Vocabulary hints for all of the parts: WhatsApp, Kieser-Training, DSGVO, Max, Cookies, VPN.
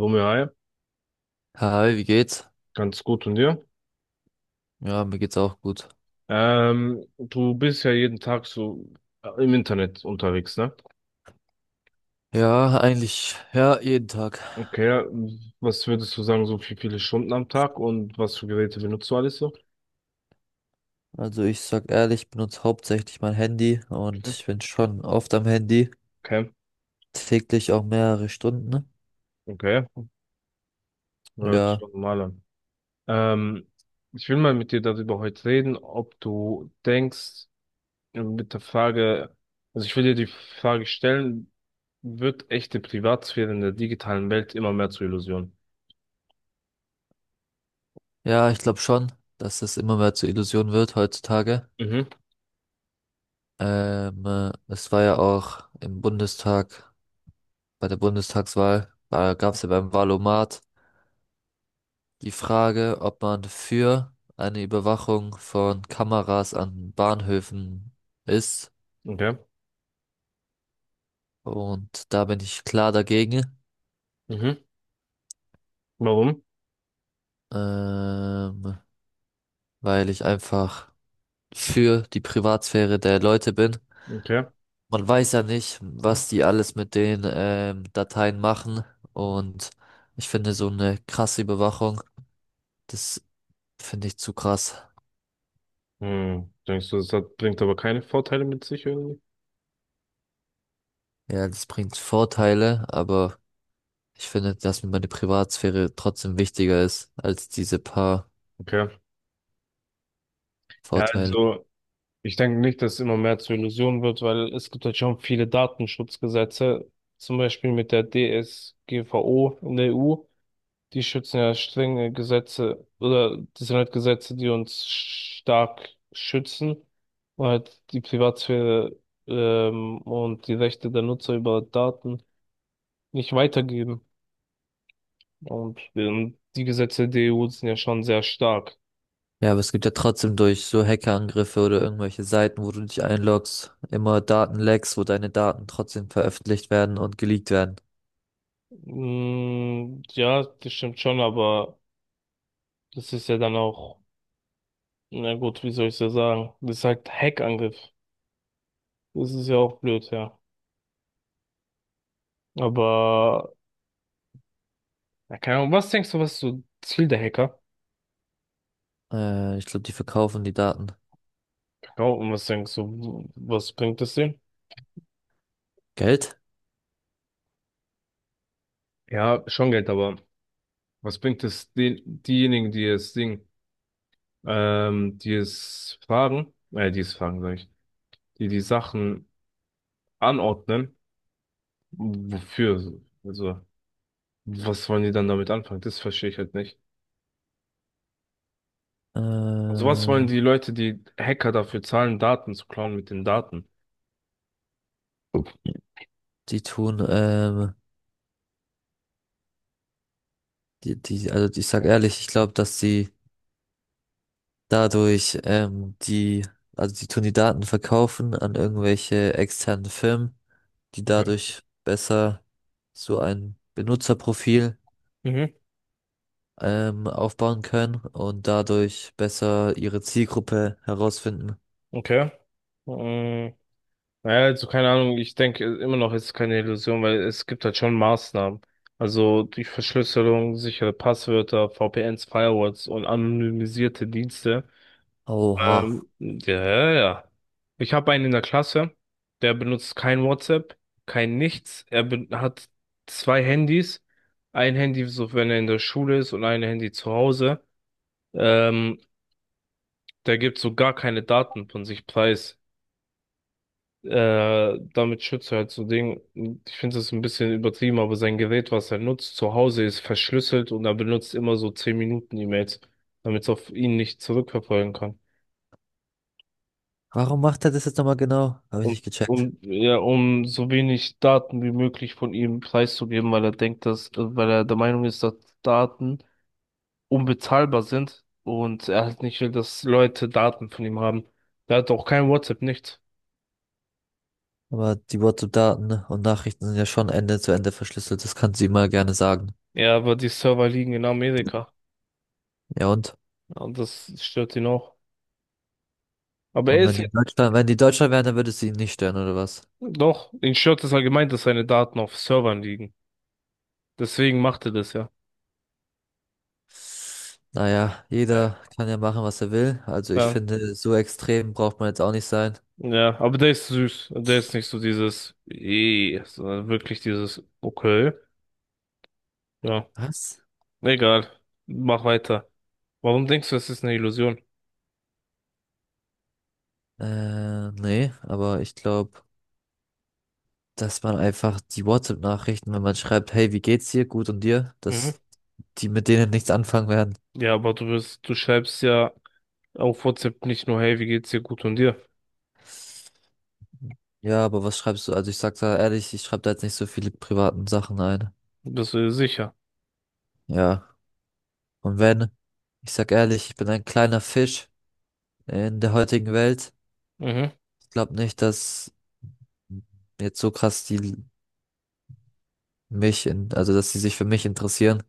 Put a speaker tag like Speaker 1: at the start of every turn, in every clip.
Speaker 1: Romeo, hi,
Speaker 2: Hi, wie geht's?
Speaker 1: ganz gut und dir?
Speaker 2: Ja, mir geht's auch gut.
Speaker 1: Du bist ja jeden Tag so im Internet unterwegs, ne?
Speaker 2: Ja, eigentlich, ja, jeden Tag.
Speaker 1: Okay, ja, was würdest du sagen, so wie viele Stunden am Tag und was für Geräte benutzt du alles so?
Speaker 2: Also ich sag ehrlich, ich benutze hauptsächlich mein Handy und ich bin schon oft am Handy,
Speaker 1: Okay,
Speaker 2: täglich auch mehrere Stunden.
Speaker 1: okay, ja, hört sich
Speaker 2: Ja,
Speaker 1: doch normal an. Ähm, Ich will mal mit dir darüber heute reden, ob du denkst, mit der Frage, also ich will dir die Frage stellen, wird echte Privatsphäre in der digitalen Welt immer mehr zur Illusion?
Speaker 2: ja, ich glaube schon, dass es immer mehr zur Illusion wird heutzutage.
Speaker 1: Mhm,
Speaker 2: Es war ja auch im Bundestag, bei der Bundestagswahl, da gab's ja beim Wahlomat die Frage, ob man für eine Überwachung von Kameras an Bahnhöfen ist.
Speaker 1: okay,
Speaker 2: Und da bin ich klar dagegen,
Speaker 1: mhm, warum?
Speaker 2: ähm, weil ich einfach für die Privatsphäre der Leute bin.
Speaker 1: Okay.
Speaker 2: Man weiß ja nicht, was die alles mit den Dateien machen. Und ich finde so eine krasse Überwachung, das finde ich zu krass.
Speaker 1: Hm, denkst du, das hat, bringt aber keine Vorteile mit sich irgendwie?
Speaker 2: Ja, das bringt Vorteile, aber ich finde, dass mir meine Privatsphäre trotzdem wichtiger ist als diese paar
Speaker 1: Okay. Ja,
Speaker 2: Vorteile.
Speaker 1: also ich denke nicht, dass es immer mehr zur Illusion wird, weil es gibt halt schon viele Datenschutzgesetze, zum Beispiel mit der DSGVO in der EU. Die schützen ja strenge Gesetze oder das sind halt Gesetze, die uns stark schützen und halt die Privatsphäre und die Rechte der Nutzer über Daten nicht weitergeben. Und die Gesetze der EU sind ja schon sehr stark.
Speaker 2: Ja, aber es gibt ja trotzdem durch so Hackerangriffe oder irgendwelche Seiten, wo du dich einloggst, immer Datenlecks, wo deine Daten trotzdem veröffentlicht werden und geleakt werden.
Speaker 1: Mm, ja, das stimmt schon, aber das ist ja dann auch, na gut, wie soll ich ja sagen? Das ist halt Hackangriff. Das ist ja auch blöd, ja. Aber, ja, keine Ahnung, was denkst du, was ist so Ziel der Hacker?
Speaker 2: Ich glaube, die verkaufen die Daten.
Speaker 1: Genau, und was denkst du, was bringt das denen?
Speaker 2: Geld?
Speaker 1: Ja, schon Geld, aber was bringt es den, diejenigen, die es Ding, die es fragen, sag ich, die die Sachen anordnen, wofür? Also, was wollen die dann damit anfangen? Das verstehe ich halt nicht. Sowas wollen
Speaker 2: Ähm,
Speaker 1: die Leute, die Hacker dafür zahlen, Daten zu klauen mit den Daten.
Speaker 2: die tun, die, die, also ich sag ehrlich, ich glaube, dass sie dadurch, ähm, die, also die tun die Daten verkaufen an irgendwelche externen Firmen, die
Speaker 1: Mhm.
Speaker 2: dadurch besser so ein Benutzerprofil
Speaker 1: Mhm.
Speaker 2: aufbauen können und dadurch besser ihre Zielgruppe herausfinden.
Speaker 1: Okay. Ähm, naja, also keine Ahnung, ich denke immer noch, es ist keine Illusion, weil es gibt halt schon Maßnahmen. Also die Verschlüsselung, sichere Passwörter, VPNs, Firewalls und anonymisierte Dienste.
Speaker 2: Oha.
Speaker 1: Ja, ja, ja. Ich habe einen in der Klasse, der benutzt kein WhatsApp, kein nichts. Hat zwei Handys. Ein Handy, so wenn er in der Schule ist und ein Handy zu Hause. Ähm, Der gibt so gar keine Daten von sich preis. Damit schützt er halt so Ding. Ich finde das ein bisschen übertrieben, aber sein Gerät, was er nutzt, zu Hause ist verschlüsselt und er benutzt immer so 10 Minuten E-Mails, damit es auf ihn nicht zurückverfolgen kann.
Speaker 2: Warum macht er das jetzt nochmal genau? Habe ich
Speaker 1: um,
Speaker 2: nicht gecheckt.
Speaker 1: ja, um so wenig Daten wie möglich von ihm preiszugeben, weil er denkt, dass, weil er der Meinung ist, dass Daten unbezahlbar sind und er halt nicht will, dass Leute Daten von ihm haben. Er hat auch kein WhatsApp, nichts.
Speaker 2: Aber die WhatsApp-Daten und Nachrichten sind ja schon Ende zu Ende verschlüsselt. Das kann sie immer gerne sagen.
Speaker 1: Ja, aber die Server liegen in Amerika
Speaker 2: Ja und?
Speaker 1: und das stört ihn auch. Aber er
Speaker 2: Und wenn
Speaker 1: ist
Speaker 2: die Deutschland wären, dann würde sie ihn nicht stören, oder was?
Speaker 1: doch, ihn stört es allgemein, dass seine Daten auf Servern liegen. Deswegen macht er das ja.
Speaker 2: Naja,
Speaker 1: Äh,
Speaker 2: jeder kann ja machen, was er will. Also ich
Speaker 1: Ja,
Speaker 2: finde, so extrem braucht man jetzt auch nicht sein.
Speaker 1: ja, aber der ist süß. Der ist nicht so dieses, eh, sondern wirklich dieses, okay. Ja,
Speaker 2: Was?
Speaker 1: egal. Mach weiter. Warum denkst du, es ist eine Illusion?
Speaker 2: Nee, aber ich glaube, dass man einfach die WhatsApp-Nachrichten, wenn man schreibt, hey, wie geht's dir? Gut und dir?
Speaker 1: Mhm.
Speaker 2: Dass die mit denen nichts anfangen werden.
Speaker 1: Ja, aber du wirst, du schreibst ja auf WhatsApp nicht nur, hey, wie geht's dir gut und dir?
Speaker 2: Ja, aber was schreibst du? Also ich sag da ehrlich, ich schreibe da jetzt nicht so viele privaten Sachen ein.
Speaker 1: Bist du dir sicher?
Speaker 2: Ja. Und wenn, ich sag ehrlich, ich bin ein kleiner Fisch in der heutigen Welt.
Speaker 1: Mhm.
Speaker 2: Ich glaube nicht, dass jetzt so krass die mich in, also dass sie sich für mich interessieren.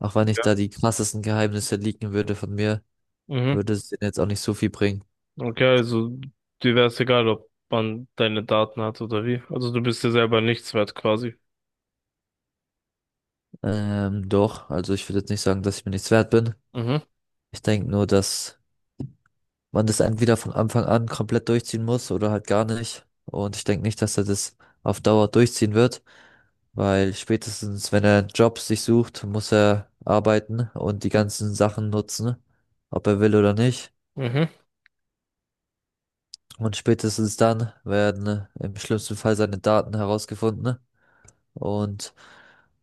Speaker 2: Auch wenn ich
Speaker 1: Ja.
Speaker 2: da die krassesten Geheimnisse leaken würde von mir,
Speaker 1: Mhm.
Speaker 2: würde es denen jetzt auch nicht so viel bringen.
Speaker 1: Okay, also dir wäre es egal, ob man deine Daten hat oder wie. Also du bist dir selber nichts wert quasi.
Speaker 2: Doch, also ich würde jetzt nicht sagen, dass ich mir nichts wert bin.
Speaker 1: Mhm.
Speaker 2: Ich denke nur, dass man das entweder von Anfang an komplett durchziehen muss oder halt gar nicht. Und ich denke nicht, dass er das auf Dauer durchziehen wird, weil spätestens, wenn er einen Job sich sucht, muss er arbeiten und die ganzen Sachen nutzen, ob er will oder nicht.
Speaker 1: Mhm.
Speaker 2: Und spätestens dann werden im schlimmsten Fall seine Daten herausgefunden. Und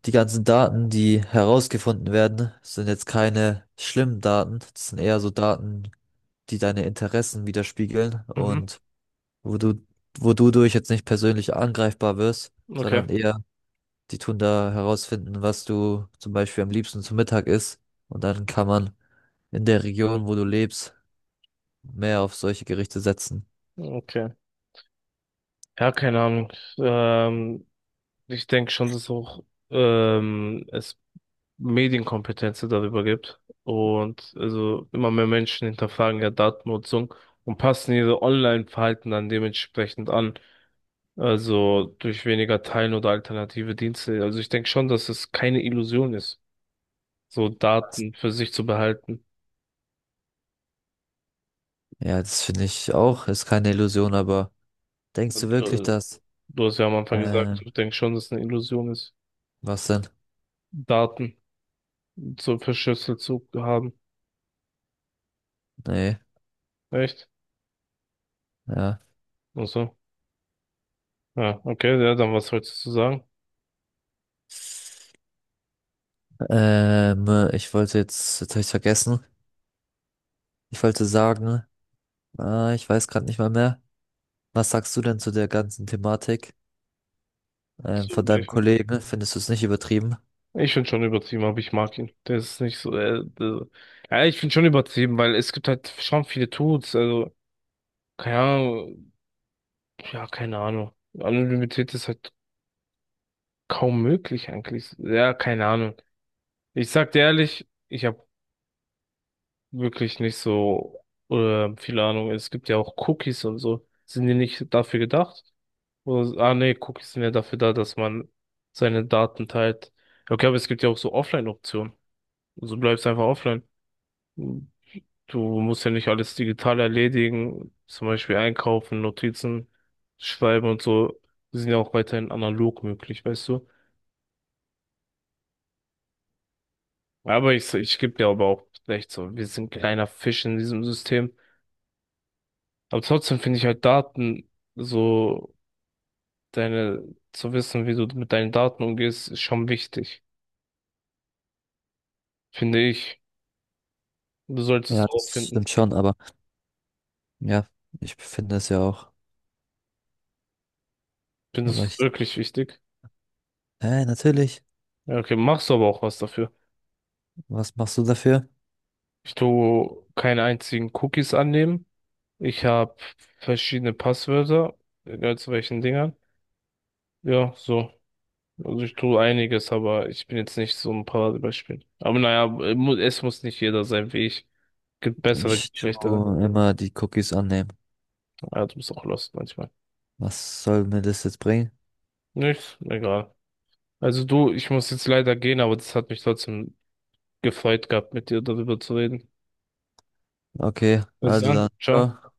Speaker 2: die ganzen Daten, die herausgefunden werden, sind jetzt keine schlimmen Daten. Das sind eher so Daten, die deine Interessen widerspiegeln
Speaker 1: Mhm.
Speaker 2: und wo du, wo du durch jetzt nicht persönlich angreifbar wirst,
Speaker 1: Okay.
Speaker 2: sondern eher, die tun da herausfinden, was du zum Beispiel am liebsten zum Mittag isst. Und dann kann man in der Region, wo du lebst, mehr auf solche Gerichte setzen.
Speaker 1: Okay. Ja, keine Ahnung. Ähm, Ich denke schon, dass auch es Medienkompetenz darüber gibt. Und also immer mehr Menschen hinterfragen ja Datennutzung und passen ihre Online-Verhalten dann dementsprechend an. Also durch weniger Teilen oder alternative Dienste. Also ich denke schon, dass es keine Illusion ist, so Daten für sich zu behalten.
Speaker 2: Ja, das finde ich auch, ist keine Illusion, aber denkst du
Speaker 1: Und,
Speaker 2: wirklich, das?
Speaker 1: du hast ja am Anfang
Speaker 2: Äh,
Speaker 1: gesagt, ich denke schon, dass es eine Illusion ist,
Speaker 2: was denn?
Speaker 1: Daten so verschlüsselt zu haben.
Speaker 2: Nee,
Speaker 1: Echt?
Speaker 2: ja.
Speaker 1: Also ja, okay, ja, dann was sollst du sagen?
Speaker 2: Ich wollte jetzt, habe ich vergessen. Ich wollte sagen, ah, ich weiß gerade nicht mal mehr. Was sagst du denn zu der ganzen Thematik
Speaker 1: Zu
Speaker 2: von deinem
Speaker 1: welchem?
Speaker 2: Kollegen? Findest du es nicht übertrieben?
Speaker 1: Ich finde schon übertrieben, aber ich mag ihn. Der ist nicht so. Ja, ich finde schon übertrieben, weil es gibt halt schon viele Tuts. Also, keine Ahnung. Ja, keine Ahnung. Anonymität ist halt kaum möglich eigentlich. Ja, keine Ahnung. Ich sag dir ehrlich, ich habe wirklich nicht so viel Ahnung. Es gibt ja auch Cookies und so. Sind die nicht dafür gedacht? Oder, ah, nee, Cookies sind ja dafür da, dass man seine Daten teilt. Okay, aber es gibt ja auch so Offline-Optionen. Also bleibst einfach offline. Du musst ja nicht alles digital erledigen, zum Beispiel einkaufen, Notizen schreiben und so, die sind ja auch weiterhin analog möglich, weißt du. Aber ich gebe dir aber auch recht, so, wir sind ein kleiner Fisch in diesem System. Aber trotzdem finde ich halt Daten, so deine, zu wissen, wie du mit deinen Daten umgehst, ist schon wichtig, finde ich. Du solltest es
Speaker 2: Ja,
Speaker 1: auch
Speaker 2: das
Speaker 1: finden.
Speaker 2: stimmt schon, aber ja, ich finde es ja auch. Aber
Speaker 1: Findest du es
Speaker 2: ich,
Speaker 1: wirklich wichtig?
Speaker 2: Natürlich.
Speaker 1: Ja, okay, machst du aber auch was dafür.
Speaker 2: Was machst du dafür?
Speaker 1: Ich tue keine einzigen Cookies annehmen. Ich habe verschiedene Passwörter egal zu welchen Dingern. Ja, so. Also ich tue einiges, aber ich bin jetzt nicht so ein Paradebeispiel. Aber naja, es muss nicht jeder sein wie ich. Gibt bessere,
Speaker 2: Ich
Speaker 1: gibt schlechtere.
Speaker 2: tue immer die Cookies annehmen.
Speaker 1: Ja, du bist auch lost manchmal.
Speaker 2: Was soll mir das jetzt bringen?
Speaker 1: Nichts, egal. Also du, ich muss jetzt leider gehen, aber das hat mich trotzdem gefreut gehabt, mit dir darüber zu reden.
Speaker 2: Okay,
Speaker 1: Bis
Speaker 2: also
Speaker 1: dann,
Speaker 2: dann.
Speaker 1: ciao.
Speaker 2: Ciao.